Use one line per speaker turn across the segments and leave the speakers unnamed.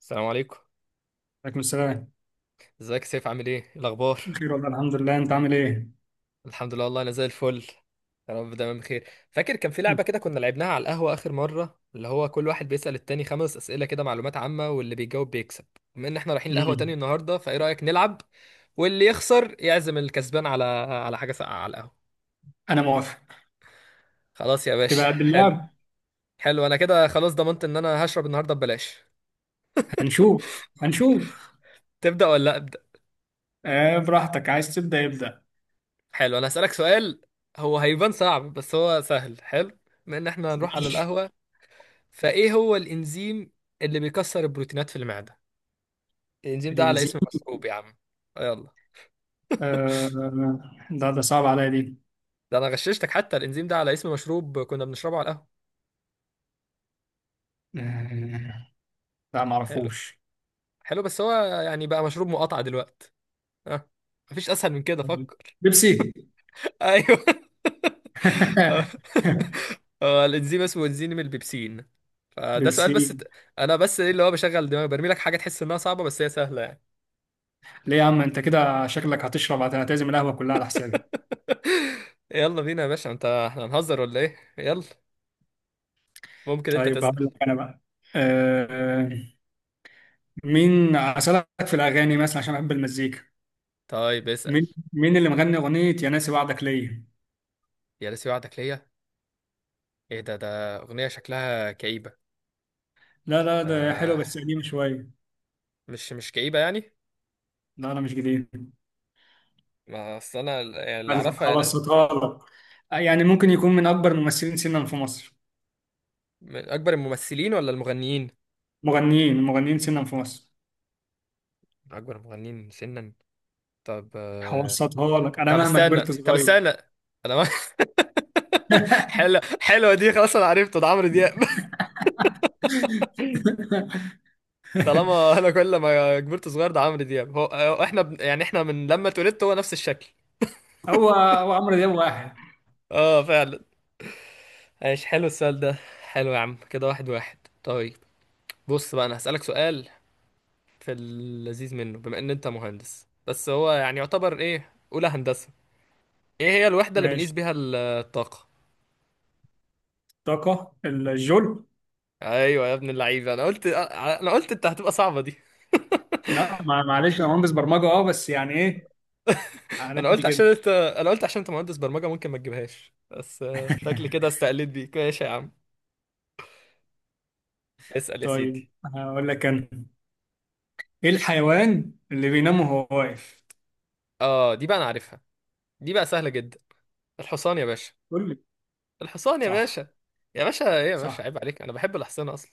السلام عليكم.
عليكم السلام.
ازيك يا سيف، عامل ايه؟ إيه الاخبار؟
بخير والله، الحمد لله، انت عامل ايه؟
الحمد لله والله، انا زي الفل. يا رب دايما بخير. فاكر كان في لعبه كده كنا لعبناها على القهوه اخر مره، اللي هو كل واحد بيسأل التاني خمس اسئله كده معلومات عامه، واللي بيجاوب بيكسب. بما ان احنا رايحين القهوه تاني
مم.
النهارده، فايه رايك نلعب؟ واللي يخسر يعزم الكسبان على حاجه ساقعه على القهوه.
انا موافق.
خلاص يا باشا،
هتبقى قد
حلو.
اللعب؟
حلو، انا كده خلاص ضمنت ان انا هشرب النهارده ببلاش.
هنشوف هنشوف.
تبدأ ولا ابدأ؟
آه، براحتك، عايز تبدا يبدا.
حلو، انا هسألك سؤال. هو هيبان صعب بس هو سهل، حلو. بما ان احنا هنروح على
ماشي.
القهوه، فايه هو الانزيم اللي بيكسر البروتينات في المعده؟ الانزيم ده على اسم
الانزيم.
مشروب يا عم. آه، يلا.
آه، ده صعب عليا دي.
ده انا غششتك، حتى الانزيم ده على اسم مشروب كنا بنشربه على القهوه.
آه، لا
حلو.
معرفوش.
حلو بس هو يعني بقى مشروب مقاطعه دلوقتي. ها؟ مفيش اسهل من كده، فكر.
بيبسي.
ايوه. هو الانزيم اسمه انزيم البيبسين. فده سؤال بس
بيبسي.
ت... انا بس ايه اللي هو بشغل دماغي، برمي لك حاجه تحس انها صعبه بس هي سهله يعني.
ليه يا عم، انت كده شكلك هتشرب هتعتزم القهوه كلها على حسابي.
يلا بينا يا باشا، انت احنا هنهزر ولا ايه؟ يلا. ممكن انت
طيب،
تسأل.
هقول لك انا بقى. آه، مين اسالك في الاغاني مثلا عشان بحب المزيكا.
طيب، اسأل.
مين اللي مغني اغنيه يا ناسي وعدك ليا؟
يا ناسي وعدك ليا. ايه ده اغنية شكلها كئيبة؟
لا لا، ده حلو
آه.
بس قديم شويه.
مش كئيبة يعني.
لا، انا مش جديد.
ما اصل انا اللي اعرفها يا ناس.
هبسطها لك. يعني ممكن يكون من اكبر الممثلين سنا في مصر.
من اكبر الممثلين ولا المغنيين؟
مغنيين، مغنيين سنا في مصر.
من اكبر المغنيين سنا. طب، آه.
هبسطها لك، انا
طب
مهما
استنى
كبرت
طب
صغير.
استنى انا ما... حلوة حلوة دي، خلاص انا عرفته ده عمرو دياب. طالما انا كل ما كبرت صغير ده عمرو دياب هو، احنا يعني احنا من لما اتولدت هو نفس الشكل.
هو هو عمرو دياب واحد.
اه فعلا. ايش حلو السؤال ده. حلو يا عم كده، واحد واحد. طيب. بص بقى، انا هسألك سؤال. في اللذيذ منه بما ان انت مهندس، بس هو يعني يعتبر ايه اولى هندسة. ايه هي الوحدة اللي بنقيس
ماشي.
بيها الطاقة؟
طاقه الجول.
ايوه يا ابن اللعيبة، انا قلت انت هتبقى صعبة دي.
لا، معلش، انا مهندس برمجه، بس يعني ايه. على
انا
قد
قلت عشان
كده.
انت انا قلت عشان انت مهندس برمجة ممكن ما تجيبهاش بس، شكلي كده استقلت بيك. ماشي يا عم، اسأل يا
طيب،
سيدي.
هقول لك انا. ايه الحيوان اللي بينام وهو واقف؟
اه، دي بقى انا عارفها. دي بقى سهلة جدا. الحصان يا باشا.
قول لي.
الحصان يا باشا.
صح
يا باشا ايه يا باشا،
صح،
عيب عليك، انا بحب الاحصنة اصلا.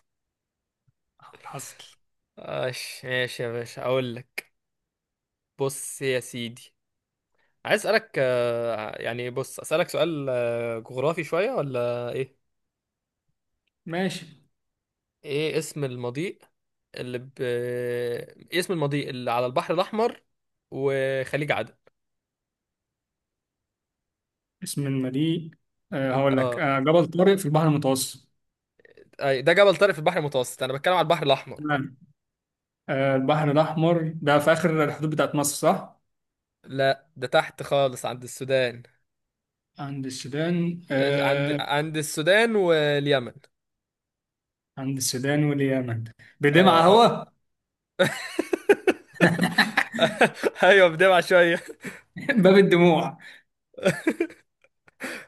حصل.
ماشي ماشي يا باشا، اقول لك. بص يا سيدي. عايز اسالك، يعني بص اسالك سؤال جغرافي شويه ولا ايه؟
ماشي.
ايه اسم المضيق اللي ب... إيه اسم المضيق اللي على البحر الاحمر وخليج عدن؟
اسم المدينة. هقول لك،
اه.
جبل طارق في البحر المتوسط.
أي، ده جبل طارق في البحر المتوسط، انا بتكلم على البحر الاحمر.
تمام. أه، البحر الأحمر ده في آخر الحدود بتاعت مصر صح؟
لا، ده تحت خالص عند السودان.
عند السودان
آه، عند
أه.
عند السودان واليمن.
عند السودان واليمن.
اه
بدمعة
اه.
هو.
ايوه، بدمع شويه.
باب الدموع.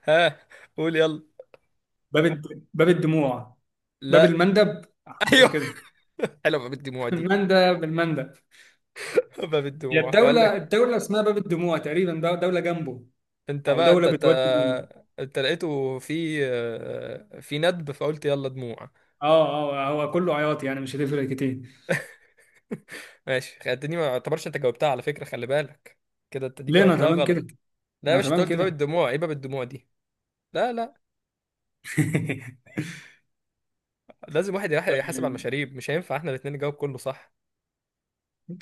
ها؟ قول يلا.
باب الدموع. باب
لا.
المندب. شبه
ايوه.
كده.
حلوه بقى بالدموع دي.
المندب المندب.
باب
هي
الدموع وقال
الدولة
لك.
الدولة اسمها باب الدموع تقريبا، ده دولة جنبه،
انت
أو
بقى
دولة بتودي ليه.
انت لقيته في ندب فقلت يلا دموع.
اه اه، هو كله عياط يعني مش هتفرق كتير.
ماشي خدتني، ما اعتبرش انت جاوبتها على فكرة، خلي بالك. كده انت دي
لينا
جاوبتها
تمام كده.
غلط. لا يا
انا
باشا، انت
تمام
قلت باب
كده.
الدموع، ايه باب الدموع دي؟ لا، لا. لازم واحد يحاسب على
طيب.
المشاريب، مش هينفع احنا الاتنين نجاوب كله صح.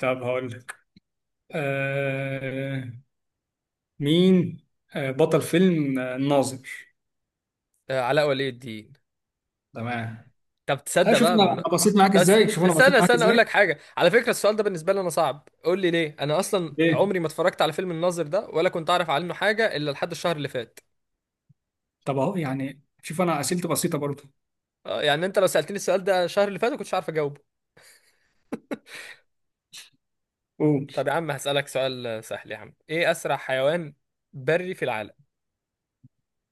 طب هقول لك. آه مين بطل فيلم الناظر.
آه، علاء ولي الدين.
تمام.
طب
آه،
تصدق
شوف
بقى
انا
بمنا...
أنا بسيط معاك
بس
ازاي، شوف انا
استنى
بسيط معاك
استنى اقول لك
ازاي.
حاجه على فكره، السؤال ده بالنسبه لي انا صعب، قول لي ليه، انا اصلا
ليه؟
عمري ما اتفرجت على فيلم الناظر ده ولا كنت اعرف عنه حاجه الا لحد الشهر اللي فات.
طب اهو، يعني شوف انا اسئلتي بسيطه برضه.
آه، يعني انت لو سألتني السؤال ده الشهر اللي فات كنتش عارف اجاوبه.
قول.
طب يا عم هسألك سؤال سهل يا عم، ايه اسرع حيوان بري في العالم؟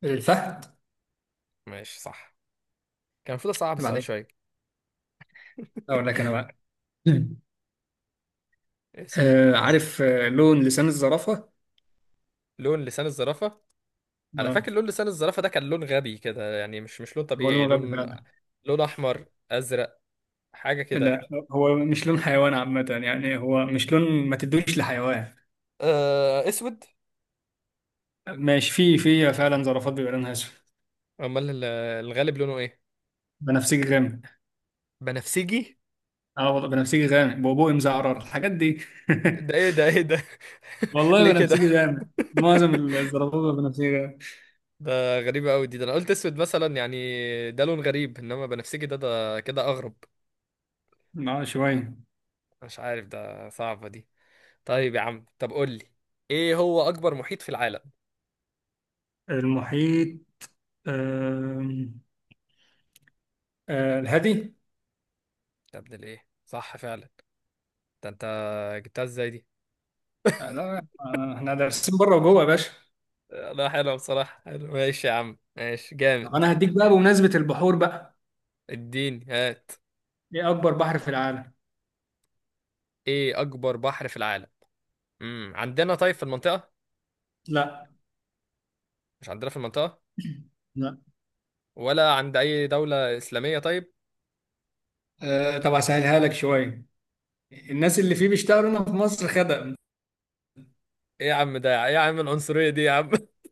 الفهد.
ماشي، صح. كان المفروض اصعب
عيب
السؤال
عليك.
شويه.
اقول لك انا بقى.
اسأل.
آه عارف، لون لسان الزرافة.
لون لسان الزرافة. انا
اه،
فاكر لون لسان الزرافة ده كان لون غبي كده يعني، مش لون
هو
طبيعي،
لون غبي
لون.
فعلا.
لون احمر؟ ازرق؟ حاجة كده.
لا، هو مش لون حيوان عامة، يعني هو مش لون ما تدوش لحيوان.
آه، اسود.
ماشي، في فعلا زرافات بيبقى لونها اسود.
امال الغالب لونه ايه؟
بنفسجي غامق.
بنفسجي؟
اه والله بنفسجي غامق بقبوقي مزعرر الحاجات دي.
ده ايه ده ايه ده؟
والله
ليه كده؟
بنفسجي غامق. معظم الزرابيب بنفسجي غامق.
ده غريبة أوي دي، ده أنا قلت أسود مثلا يعني. ده لون غريب إنما بنفسجي ده كده أغرب.
اه شوية.
مش عارف، ده صعبة دي. طيب يا عم، طب قول لي، إيه هو أكبر محيط في العالم؟
المحيط. آم، آه، الهادي.
يا ابن الإيه صح فعلا! ده أنت جبتها إزاي دي.
آه لا، احنا دارسين بره وجوه يا باشا.
لا، حلوة بصراحة، حلو ماشي يا عم، ماشي
طب
جامد.
انا هديك بقى بمناسبة البحور بقى.
اديني هات.
ايه اكبر بحر في العالم؟
إيه أكبر بحر في العالم؟ عندنا طيب في المنطقة؟
لا
مش عندنا في المنطقة؟
لا.
ولا عند أي دولة إسلامية طيب؟
آه، طب هسهلها لك شوية. الناس اللي فيه بيشتغلوا هنا في مصر خدم.
إيه يا عم ده، إيه يا عم العنصرية دي يا عم؟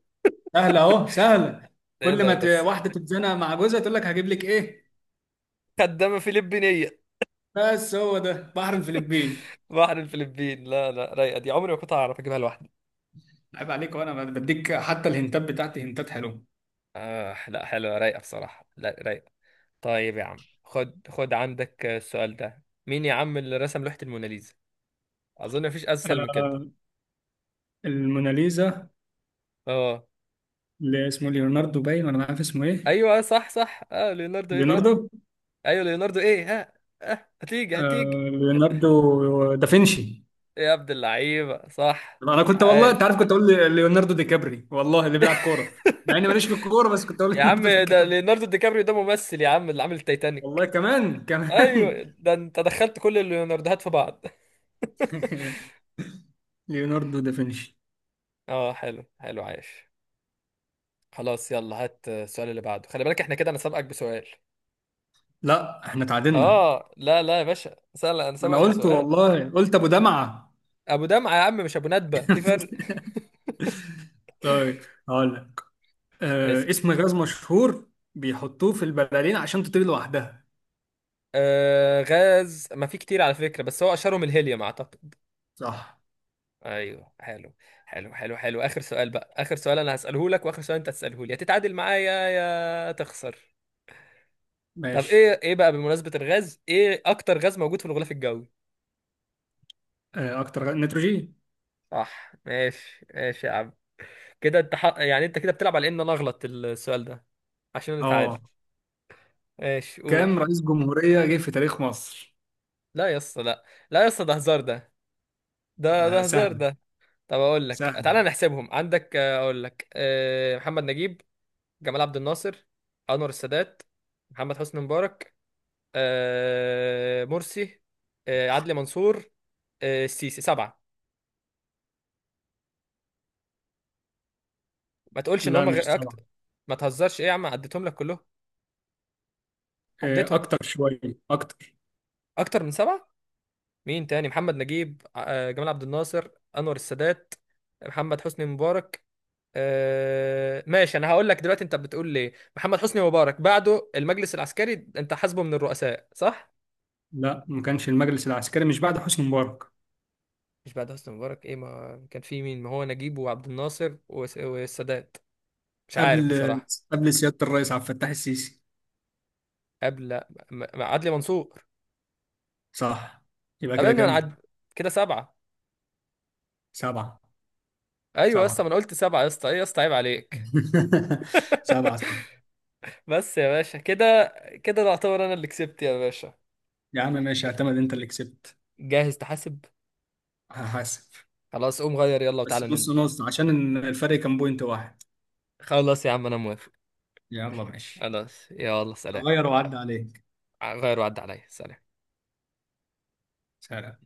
سهلة اهو سهلة.
إيه
كل ما
ده بس؟
واحدة تتزنق مع جوزها تقول لك هجيب لك ايه.
خدامة فلبينية؟
بس هو ده بحر الفلبين.
بحر الفلبين، لا لا، رايقة دي، عمري ما كنت هعرف اجيبها لوحدي.
عيب عليك، وانا بديك حتى الهنتات بتاعتي هنتات حلوه.
آه، لا حلوة رايقة بصراحة، لا رايقة. طيب يا عم، خد خد عندك السؤال ده، مين يا عم اللي رسم لوحة الموناليزا؟ اظن مفيش اسهل من كده.
آه، الموناليزا.
اه.
اللي اسمه ليوناردو باين، ولا مش عارف اسمه ايه.
ايوه صح صح اه، ليوناردو ايه بقى؟
ليوناردو.
ايوه ليوناردو ايه، ها؟ آه. هتيجي هتيجي.
آه، ليوناردو دافنشي.
يا عبد اللعيبة، صح.
طب انا كنت، والله انت
عاش.
عارف، كنت ليوناردو دي كابري، والله اللي بيلعب كوره. مع اني ماليش في الكوره، بس كنت اقول
يا عم،
ليوناردو دي
ده
كابري.
ليوناردو دي كابريو ده ممثل يا عم اللي عامل
والله
التايتانيك.
كمان كمان.
ايوه، ده انت دخلت كل الليوناردوهات في بعض.
ليوناردو دافنشي.
اه، حلو حلو عاش. خلاص يلا، هات السؤال اللي بعده، خلي بالك احنا كده انا سابقك بسؤال.
لا، احنا تعادلنا.
اه، لا لا يا باشا، سأل، انا
انا
سابقك
قلت
بسؤال.
والله، قلت ابو دمعه.
ابو دمعة يا عم مش ابو ندبة، في فرق.
طيب، هقول لك
اسأل.
اسم غاز مشهور بيحطوه في البلالين عشان تطير لوحدها.
آه، غاز ما في كتير على فكرة، بس هو اشهرهم الهيليوم اعتقد.
صح.
ايوه، حلو. حلو حلو حلو، اخر سؤال بقى، اخر سؤال انا هسأله لك واخر سؤال انت هتسأله لي، يا تتعادل معايا يا تخسر. طب
ماشي.
ايه بقى، بمناسبة الغاز، ايه اكتر غاز موجود في الغلاف الجوي؟
نيتروجين.
صح ماشي ماشي يا عم. كده انت يعني انت كده بتلعب على ان انا اغلط السؤال ده عشان نتعادل.
اه.
ايش قول.
كام رئيس جمهورية جه في تاريخ مصر؟
لا يا اسطى، لا. لا يا اسطى، ده هزار ده. ده
آه،
ده هزار
سهل.
ده. طب اقول لك
سهل.
تعالى نحسبهم عندك، اقول لك، محمد نجيب، جمال عبد الناصر، انور السادات، محمد حسني مبارك، مرسي، عدلي منصور، السيسي، سبعة. ما تقولش ان
لا
هم غ...
مش صعب.
أكت... ما تهزرش ايه يا عم، عديتهم لك كلهم،
آه،
عديتهم.
اكتر شوية. اكتر.
اكتر من سبعة؟ مين تاني، محمد نجيب، جمال عبد الناصر، انور السادات، محمد حسني مبارك. آه، ماشي، انا هقول لك دلوقتي انت بتقول ليه محمد حسني مبارك بعده المجلس العسكري، انت حاسبه من الرؤساء صح؟
لا، ما كانش المجلس العسكري مش بعد حسني مبارك.
مش بعد حسني مبارك؟ ايه ما كان في مين، ما هو نجيب وعبد الناصر والسادات. مش عارف
قبل.
بصراحة.
قبل سيادة الرئيس عبد الفتاح السيسي.
قبل. عدلي منصور.
صح. يبقى
قبل
كده
ان انا
كام؟
كده سبعة.
سبعة.
ايوه يا اسطى، ما
سبعة.
انا قلت سبعة يا اسطى، ايه يا اسطى، عيب عليك.
سبعة صح.
بس يا باشا كده، كده ده اعتبر انا اللي كسبت يا باشا.
يا عم ماشي، اعتمد انت اللي كسبت.
جاهز تحاسب؟
هحاسب.
خلاص، قوم غير يلا وتعالى
بس نص
ننزل.
نص عشان الفرق كان بوينت واحد.
خلاص يا عم، انا موافق.
يلا ماشي.
خلاص يلا، سلام.
هغير وأعدي عليك.
غير وعد عليا، سلام.
سلام.